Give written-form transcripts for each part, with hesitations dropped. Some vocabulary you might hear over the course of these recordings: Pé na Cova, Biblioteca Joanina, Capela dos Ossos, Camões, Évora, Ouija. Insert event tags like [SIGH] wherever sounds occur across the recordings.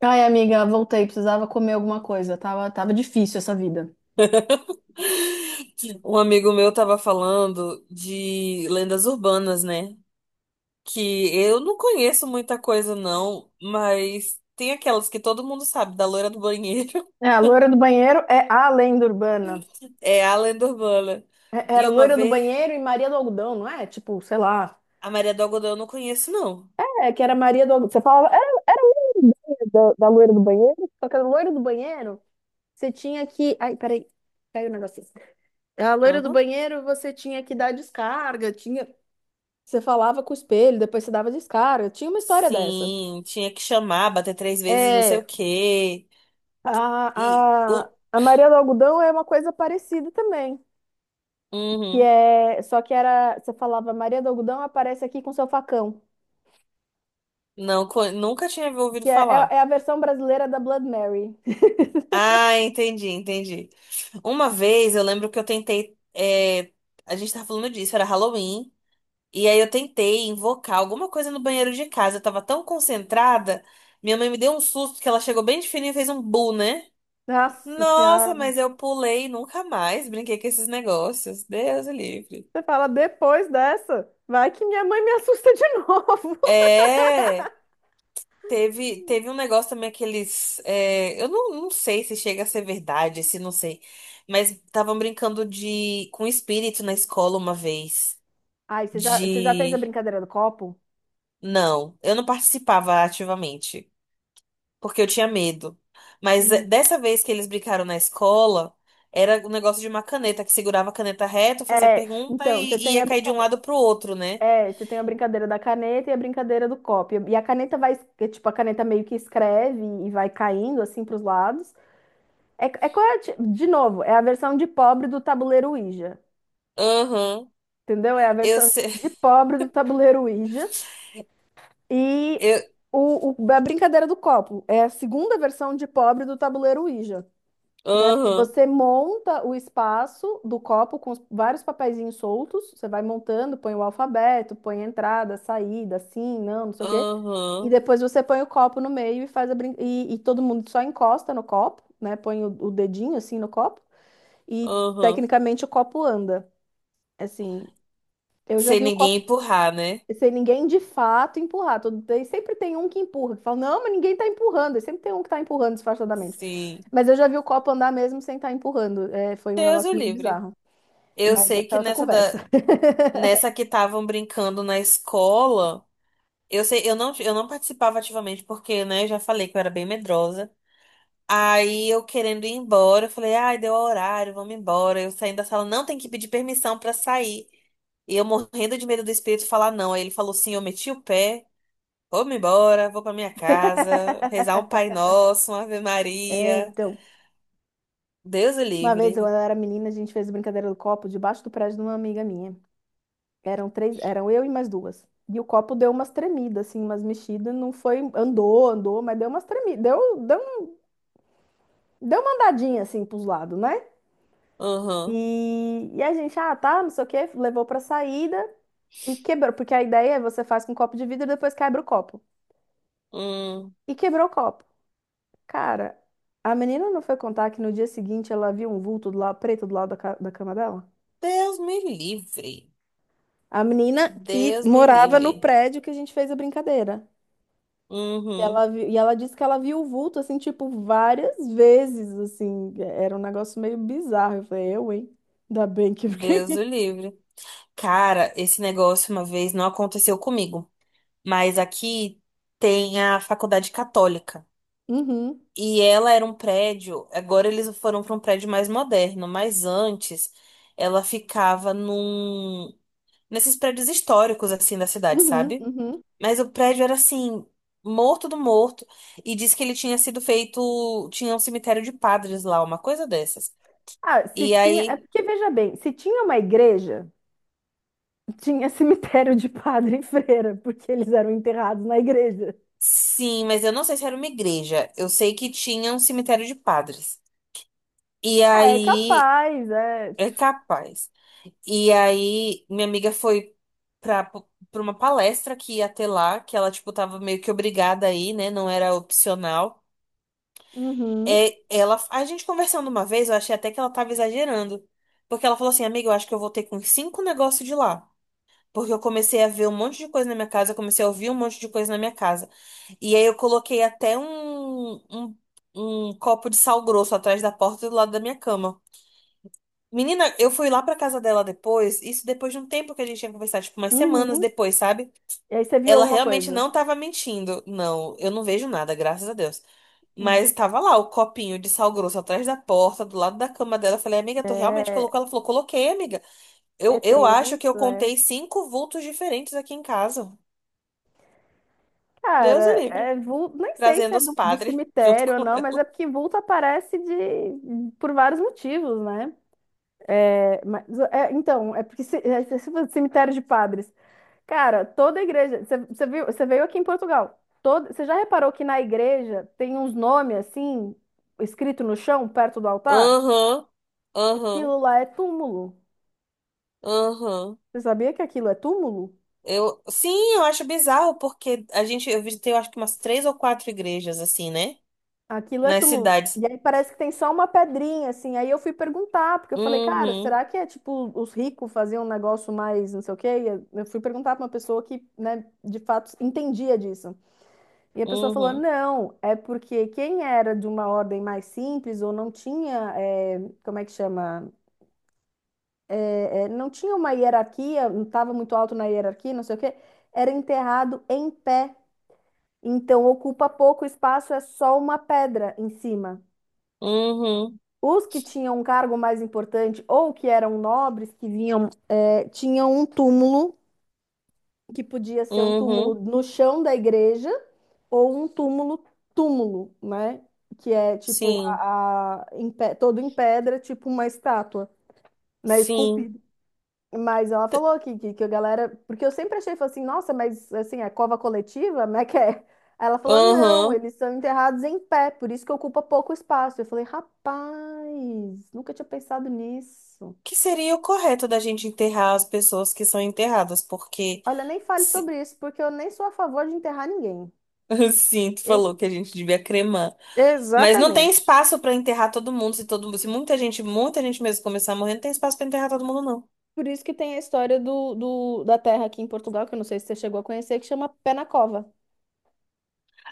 Ai, amiga, voltei. Precisava comer alguma coisa. Tava difícil essa vida. Um amigo meu tava falando de lendas urbanas, né? Que eu não conheço muita coisa, não, mas tem aquelas que todo mundo sabe, da loira do banheiro. É, [LAUGHS] a loira do banheiro é a lenda urbana. É a lenda urbana. Era E uma loira do vez, banheiro e Maria do Algodão, não é? Tipo, sei lá. a Maria do Algodão eu não conheço, não. É, que era Maria do Algodão. Você falava, era a mesma ideia da loira do banheiro, só que a loira do banheiro, você tinha que. Ai, peraí, caiu o negocinho. A loira do Aham. banheiro, você tinha que dar descarga, tinha. Você falava com o espelho, depois você dava descarga. Tinha uma história dessa. Sim, tinha que chamar, bater três vezes, não sei É, o quê. A, E. A, a Maria do Algodão é uma coisa parecida também, que Uhum. é, só que era, você falava Maria do Algodão aparece aqui com seu facão, Não, nunca tinha ouvido que é, falar. é a versão brasileira da Blood Mary. Ah, entendi, entendi. Uma vez eu lembro que eu tentei. A gente tava falando disso, era Halloween. E aí eu tentei invocar alguma coisa no banheiro de casa. Eu tava tão concentrada. Minha mãe me deu um susto que ela chegou bem de fininho e fez um bu, né? Nossa Nossa, Senhora, mas eu pulei nunca mais. Brinquei com esses negócios. Deus o livre. você fala depois dessa, vai que minha mãe me assusta de novo. É. Teve um negócio também, aqueles. Eu não sei se chega a ser verdade, se não sei. Mas estavam brincando de com espírito na escola uma vez. [LAUGHS] Ai, você já fez a De. brincadeira do copo? Não, eu não participava ativamente, porque eu tinha medo. Mas Hum. dessa vez que eles brincaram na escola, era o negócio de uma caneta, que segurava a caneta reta, fazia É, pergunta então, e, você e tem ia a cair de um brincadeira, lado pro outro, né? é, você tem a brincadeira da caneta e a brincadeira do copo. E a caneta vai, é, tipo, a caneta meio que escreve e vai caindo assim para os lados. É, é qual é a de novo, é a versão de pobre do tabuleiro Ouija, Aham. entendeu? É a Eu versão sei. de pobre do tabuleiro Ouija e [LAUGHS] Eu, a brincadeira do copo é a segunda versão de pobre do tabuleiro Ouija, né? Porque aham, você monta o espaço do copo com vários papeizinhos soltos, você vai montando, põe o alfabeto, põe a entrada, a saída, sim, não, não sei o quê. E aham, depois você põe o copo no meio e faz a brin... e todo mundo só encosta no copo, né? Põe o dedinho assim no copo. E aham. tecnicamente o copo anda. Assim, eu já Sem vi o ninguém copo empurrar, né? sem ninguém de fato empurrar. Todo, sempre tem um que empurra, que fala, não, mas ninguém tá empurrando. E sempre tem um que tá empurrando disfarçadamente. Sim. Mas eu já vi o copo andar mesmo sem estar empurrando. É, foi um Deus o negócio meio livre. bizarro. Eu Mas sei essa é que outra conversa. [LAUGHS] nessa que estavam brincando na escola, eu sei, eu não participava ativamente porque, né, eu já falei que eu era bem medrosa. Aí eu querendo ir embora, eu falei: "Ai, deu horário, vamos embora". Eu saindo da sala, não tem que pedir permissão pra sair. E eu morrendo de medo do espírito falar não. Aí ele falou sim, eu meti o pé, vou-me embora, vou pra minha casa, rezar um Pai Nosso, uma Ave É, Maria. então, Deus o uma vez eu livre. era menina, a gente fez a brincadeira do copo debaixo do prédio de uma amiga minha. Eram três, eram eu e mais duas. E o copo deu umas tremidas, assim, umas mexidas. Não foi, andou, andou, mas deu umas tremidas. Deu deu uma andadinha assim pros lados, né? E a gente, ah, tá, não sei o quê, levou pra saída e quebrou, porque a ideia é você faz com um copo de vidro e depois quebra o copo. Hum. E quebrou o copo. Cara, a menina não foi contar que no dia seguinte ela viu um vulto do lado, preto do lado da, da cama dela? Deus me livre. A menina que Deus me morava no livre. prédio que a gente fez a brincadeira. E Uhum. ela, e ela disse que ela viu o vulto, assim, tipo, várias vezes, assim. Era um negócio meio bizarro. Eu falei, eu, hein? Ainda bem que eu fiquei. Deus o [LAUGHS] livre. Cara, esse negócio uma vez não aconteceu comigo, mas aqui tem a faculdade católica. Uhum, E ela era um prédio, agora eles foram para um prédio mais moderno, mas antes ela ficava num nesses prédios históricos assim da cidade, uhum, sabe? uhum. Mas o prédio era assim, morto do morto. E diz que ele tinha sido feito. Tinha um cemitério de padres lá, uma coisa dessas. Ah, se E tinha. É aí. porque, veja bem, se tinha uma igreja, tinha [LAUGHS] cemitério de padre e freira, porque eles eram enterrados na igreja. Sim, mas eu não sei se era uma igreja. Eu sei que tinha um cemitério de padres. E Ah, é aí. capaz, é. É capaz. E aí, minha amiga foi pra, pra uma palestra que ia ter lá, que ela, tipo, tava meio que obrigada aí, né? Não era opcional. Uhum, É, a gente conversando uma vez, eu achei até que ela tava exagerando. Porque ela falou assim, amiga, eu acho que eu voltei com cinco negócios de lá. Porque eu comecei a ver um monte de coisa na minha casa, eu comecei a ouvir um monte de coisa na minha casa. E aí eu coloquei até um copo de sal grosso atrás da porta do lado da minha cama. Menina, eu fui lá pra casa dela depois, isso depois de um tempo que a gente tinha conversado, tipo, umas semanas uhum. depois, sabe? E aí você viu Ela alguma realmente coisa? não tava mentindo. Não, eu não vejo nada, graças a Deus. Hum. Mas tava lá o copinho de sal grosso atrás da porta, do lado da cama dela. Eu falei, amiga, tu realmente É, colocou? Ela falou, coloquei, amiga. é Eu acho que eu tenso, é. contei cinco vultos diferentes aqui em casa. Deus o Cara, livre. é nem sei se Trazendo é os do padres [LAUGHS] junto cemitério ou com não, mas é ela. porque vulto aparece de, por vários motivos, né? É, mas, é, então, é porque se, é, se for cemitério de padres, cara, toda igreja. Você viu, você veio aqui em Portugal. Toda, você já reparou que na igreja tem uns nomes assim, escrito no chão, perto do altar? Aham, aham, Aquilo lá é túmulo. aham. Você sabia que aquilo é túmulo? Sim, eu acho bizarro, porque a gente, eu visitei, eu acho que umas três ou quatro igrejas, assim, né? Aquilo é Nas túmulo. cidades. E aí parece que tem só uma pedrinha, assim. Aí eu fui perguntar, porque eu falei, cara, Uhum, será que é tipo os ricos faziam um negócio mais não sei o quê? E eu fui perguntar pra uma pessoa que, né, de fato entendia disso. E a pessoa falou: uhum, não, é porque quem era de uma ordem mais simples ou não tinha, como é que chama? Não tinha uma hierarquia, não estava muito alto na hierarquia, não sei o quê, era enterrado em pé. Então ocupa pouco espaço, é só uma pedra em cima. uhum. Os que tinham um cargo mais importante ou que eram nobres, que vinham, tinham um túmulo que podia ser um túmulo Uhum, no chão da igreja ou um túmulo túmulo, né? Que é tipo sim, em todo em pedra, tipo uma estátua, né? sim. Esculpida. Mas ela T- falou que a galera. Porque eu sempre achei, falei assim, nossa, mas assim, é cova coletiva? Como é que é? Aí ela falou, não, Uhum. eles são enterrados em pé, por isso que ocupa pouco espaço. Eu falei, rapaz, nunca tinha pensado nisso. Que seria o correto da gente enterrar as pessoas que são enterradas, porque Olha, nem fale se- sobre isso, porque eu nem sou a favor de enterrar ninguém. [LAUGHS] sim, tu Eu falou que a gente devia cremar. Mas não tem Exatamente. espaço pra enterrar todo mundo, se muita gente, muita gente mesmo começar a morrer, não tem espaço pra enterrar todo mundo, não. Por isso que tem a história do, da terra aqui em Portugal, que eu não sei se você chegou a conhecer, que chama Pé na Cova.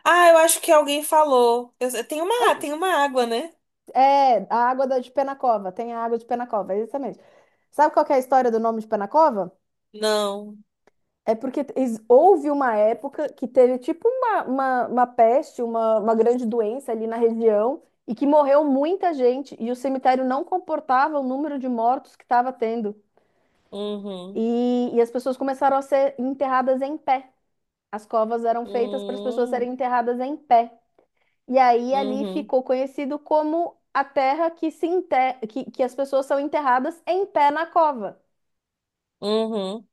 Ah, eu acho que alguém falou. Tem Ah, uma, tem uma água, né? é, a água de Pé na Cova, tem a água de Pé na Cova, é exatamente. Sabe qual que é a história do nome de Pé na Cova? Não. É porque houve uma época que teve tipo uma peste, uma grande doença ali na região, e que morreu muita gente, e o cemitério não comportava o número de mortos que estava tendo. Uhum. E as pessoas começaram a ser enterradas em pé. As covas eram feitas para as pessoas Uhum. serem enterradas em pé. E aí ali Uhum. ficou conhecido como a terra que se enter... que as pessoas são enterradas em pé na cova. Uhum.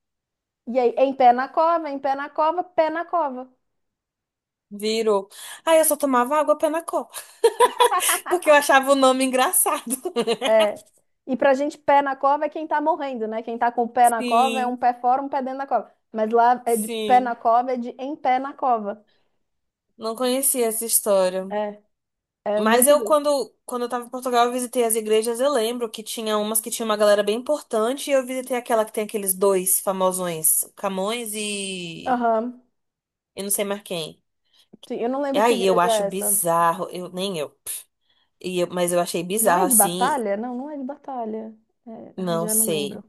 E aí, em pé na cova, em pé na cova, pé na cova. Virou. Ah, eu só tomava água pé na copa. Porque eu achava o nome engraçado. É. [LAUGHS] E pra gente, pé na cova é quem tá morrendo, né? Quem tá com o pé na cova é um Sim, pé fora, um pé dentro da cova. Mas lá é de pé na sim. cova, é de em pé na cova. Não conhecia essa história. É, é Mas muito eu, doido. quando eu tava em Portugal, eu visitei as igrejas. Eu lembro que tinha umas que tinha uma galera bem importante. E eu visitei aquela que tem aqueles dois famosões, Camões e. Aham. Eu não sei mais quem. Sim, eu não E lembro que aí eu igreja acho é essa. bizarro. Nem eu. Mas eu achei Não bizarro é de assim. batalha? Não, não é de batalha. É, ai, Não já não lembro. sei.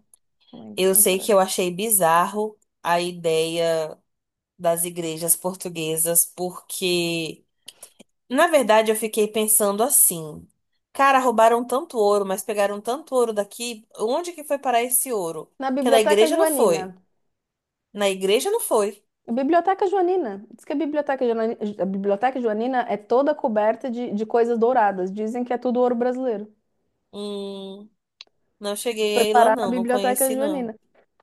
Não lembro, Eu não sei que eu interessa. achei bizarro a ideia das igrejas portuguesas, porque. Na verdade, eu fiquei pensando assim: cara, roubaram tanto ouro, mas pegaram tanto ouro daqui. Onde que foi parar esse ouro? Na Que na Biblioteca igreja não Joanina. foi. Na igreja não foi. A Biblioteca Joanina. Diz que a Biblioteca Joanina é toda coberta de coisas douradas. Dizem que é tudo ouro brasileiro. Hum, não cheguei Foi aí lá, parar na não. Não Biblioteca conheci, não. Joanina.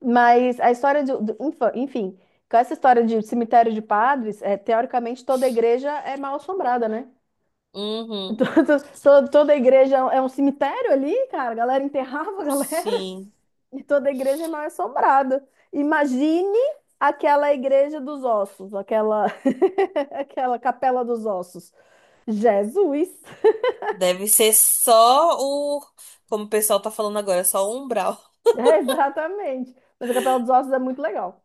Mas a história de, infa- enfim, com essa história de cemitério de padres, é, teoricamente toda igreja é mal assombrada, né? [LAUGHS] Uhum, Toda, toda igreja é um cemitério ali, cara. A galera enterrava a galera sim. [LAUGHS] e toda igreja é mal assombrada. Imagine aquela igreja dos ossos, aquela, [LAUGHS] aquela capela dos ossos. Jesus! [LAUGHS] Deve ser só o. Como o pessoal tá falando agora, só o umbral. É, exatamente. Mas a Capela dos Ossos é muito legal.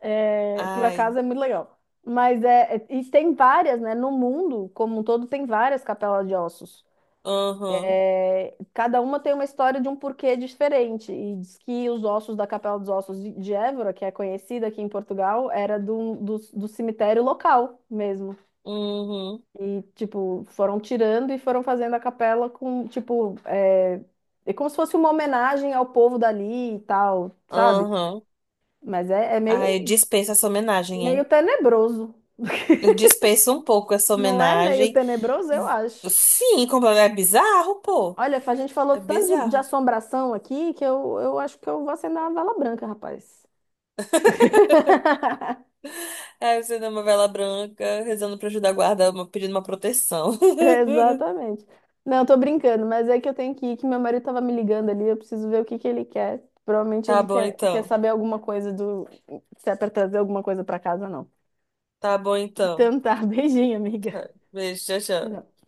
É, por Ai. acaso é muito legal. Mas é, e tem várias, né? No mundo, como um todo, tem várias capelas de ossos. Uhum, É, cada uma tem uma história de um porquê diferente. E diz que os ossos da Capela dos Ossos de Évora, que é conhecida aqui em Portugal, era do, do cemitério local mesmo. uhum, E, tipo, foram tirando e foram fazendo a capela com, tipo, é, é como se fosse uma homenagem ao povo dali e tal, sabe? uhum. Mas é, é Ai, eu meio, dispenso essa homenagem, meio hein? tenebroso. Eu dispenso um pouco essa Não é meio homenagem. tenebroso, eu acho. Sim, completamente. É bizarro, pô. Olha, a gente falou É tanto de bizarro. assombração aqui que eu acho que eu vou acender uma vela branca, rapaz. [LAUGHS] Aí você dá uma vela branca, rezando pra ajudar a guarda, pedindo uma proteção. [LAUGHS] Exatamente. Não, tô brincando, mas é que eu tenho que ir, que meu marido tava me ligando ali, eu preciso ver o que que ele quer. Provavelmente Tá ele bom quer então. saber alguma coisa do, se é pra trazer alguma coisa pra casa ou não. Tá bom então. Então tá, [LAUGHS] beijinho, amiga. Beijo, tchau, tchau. Tchau.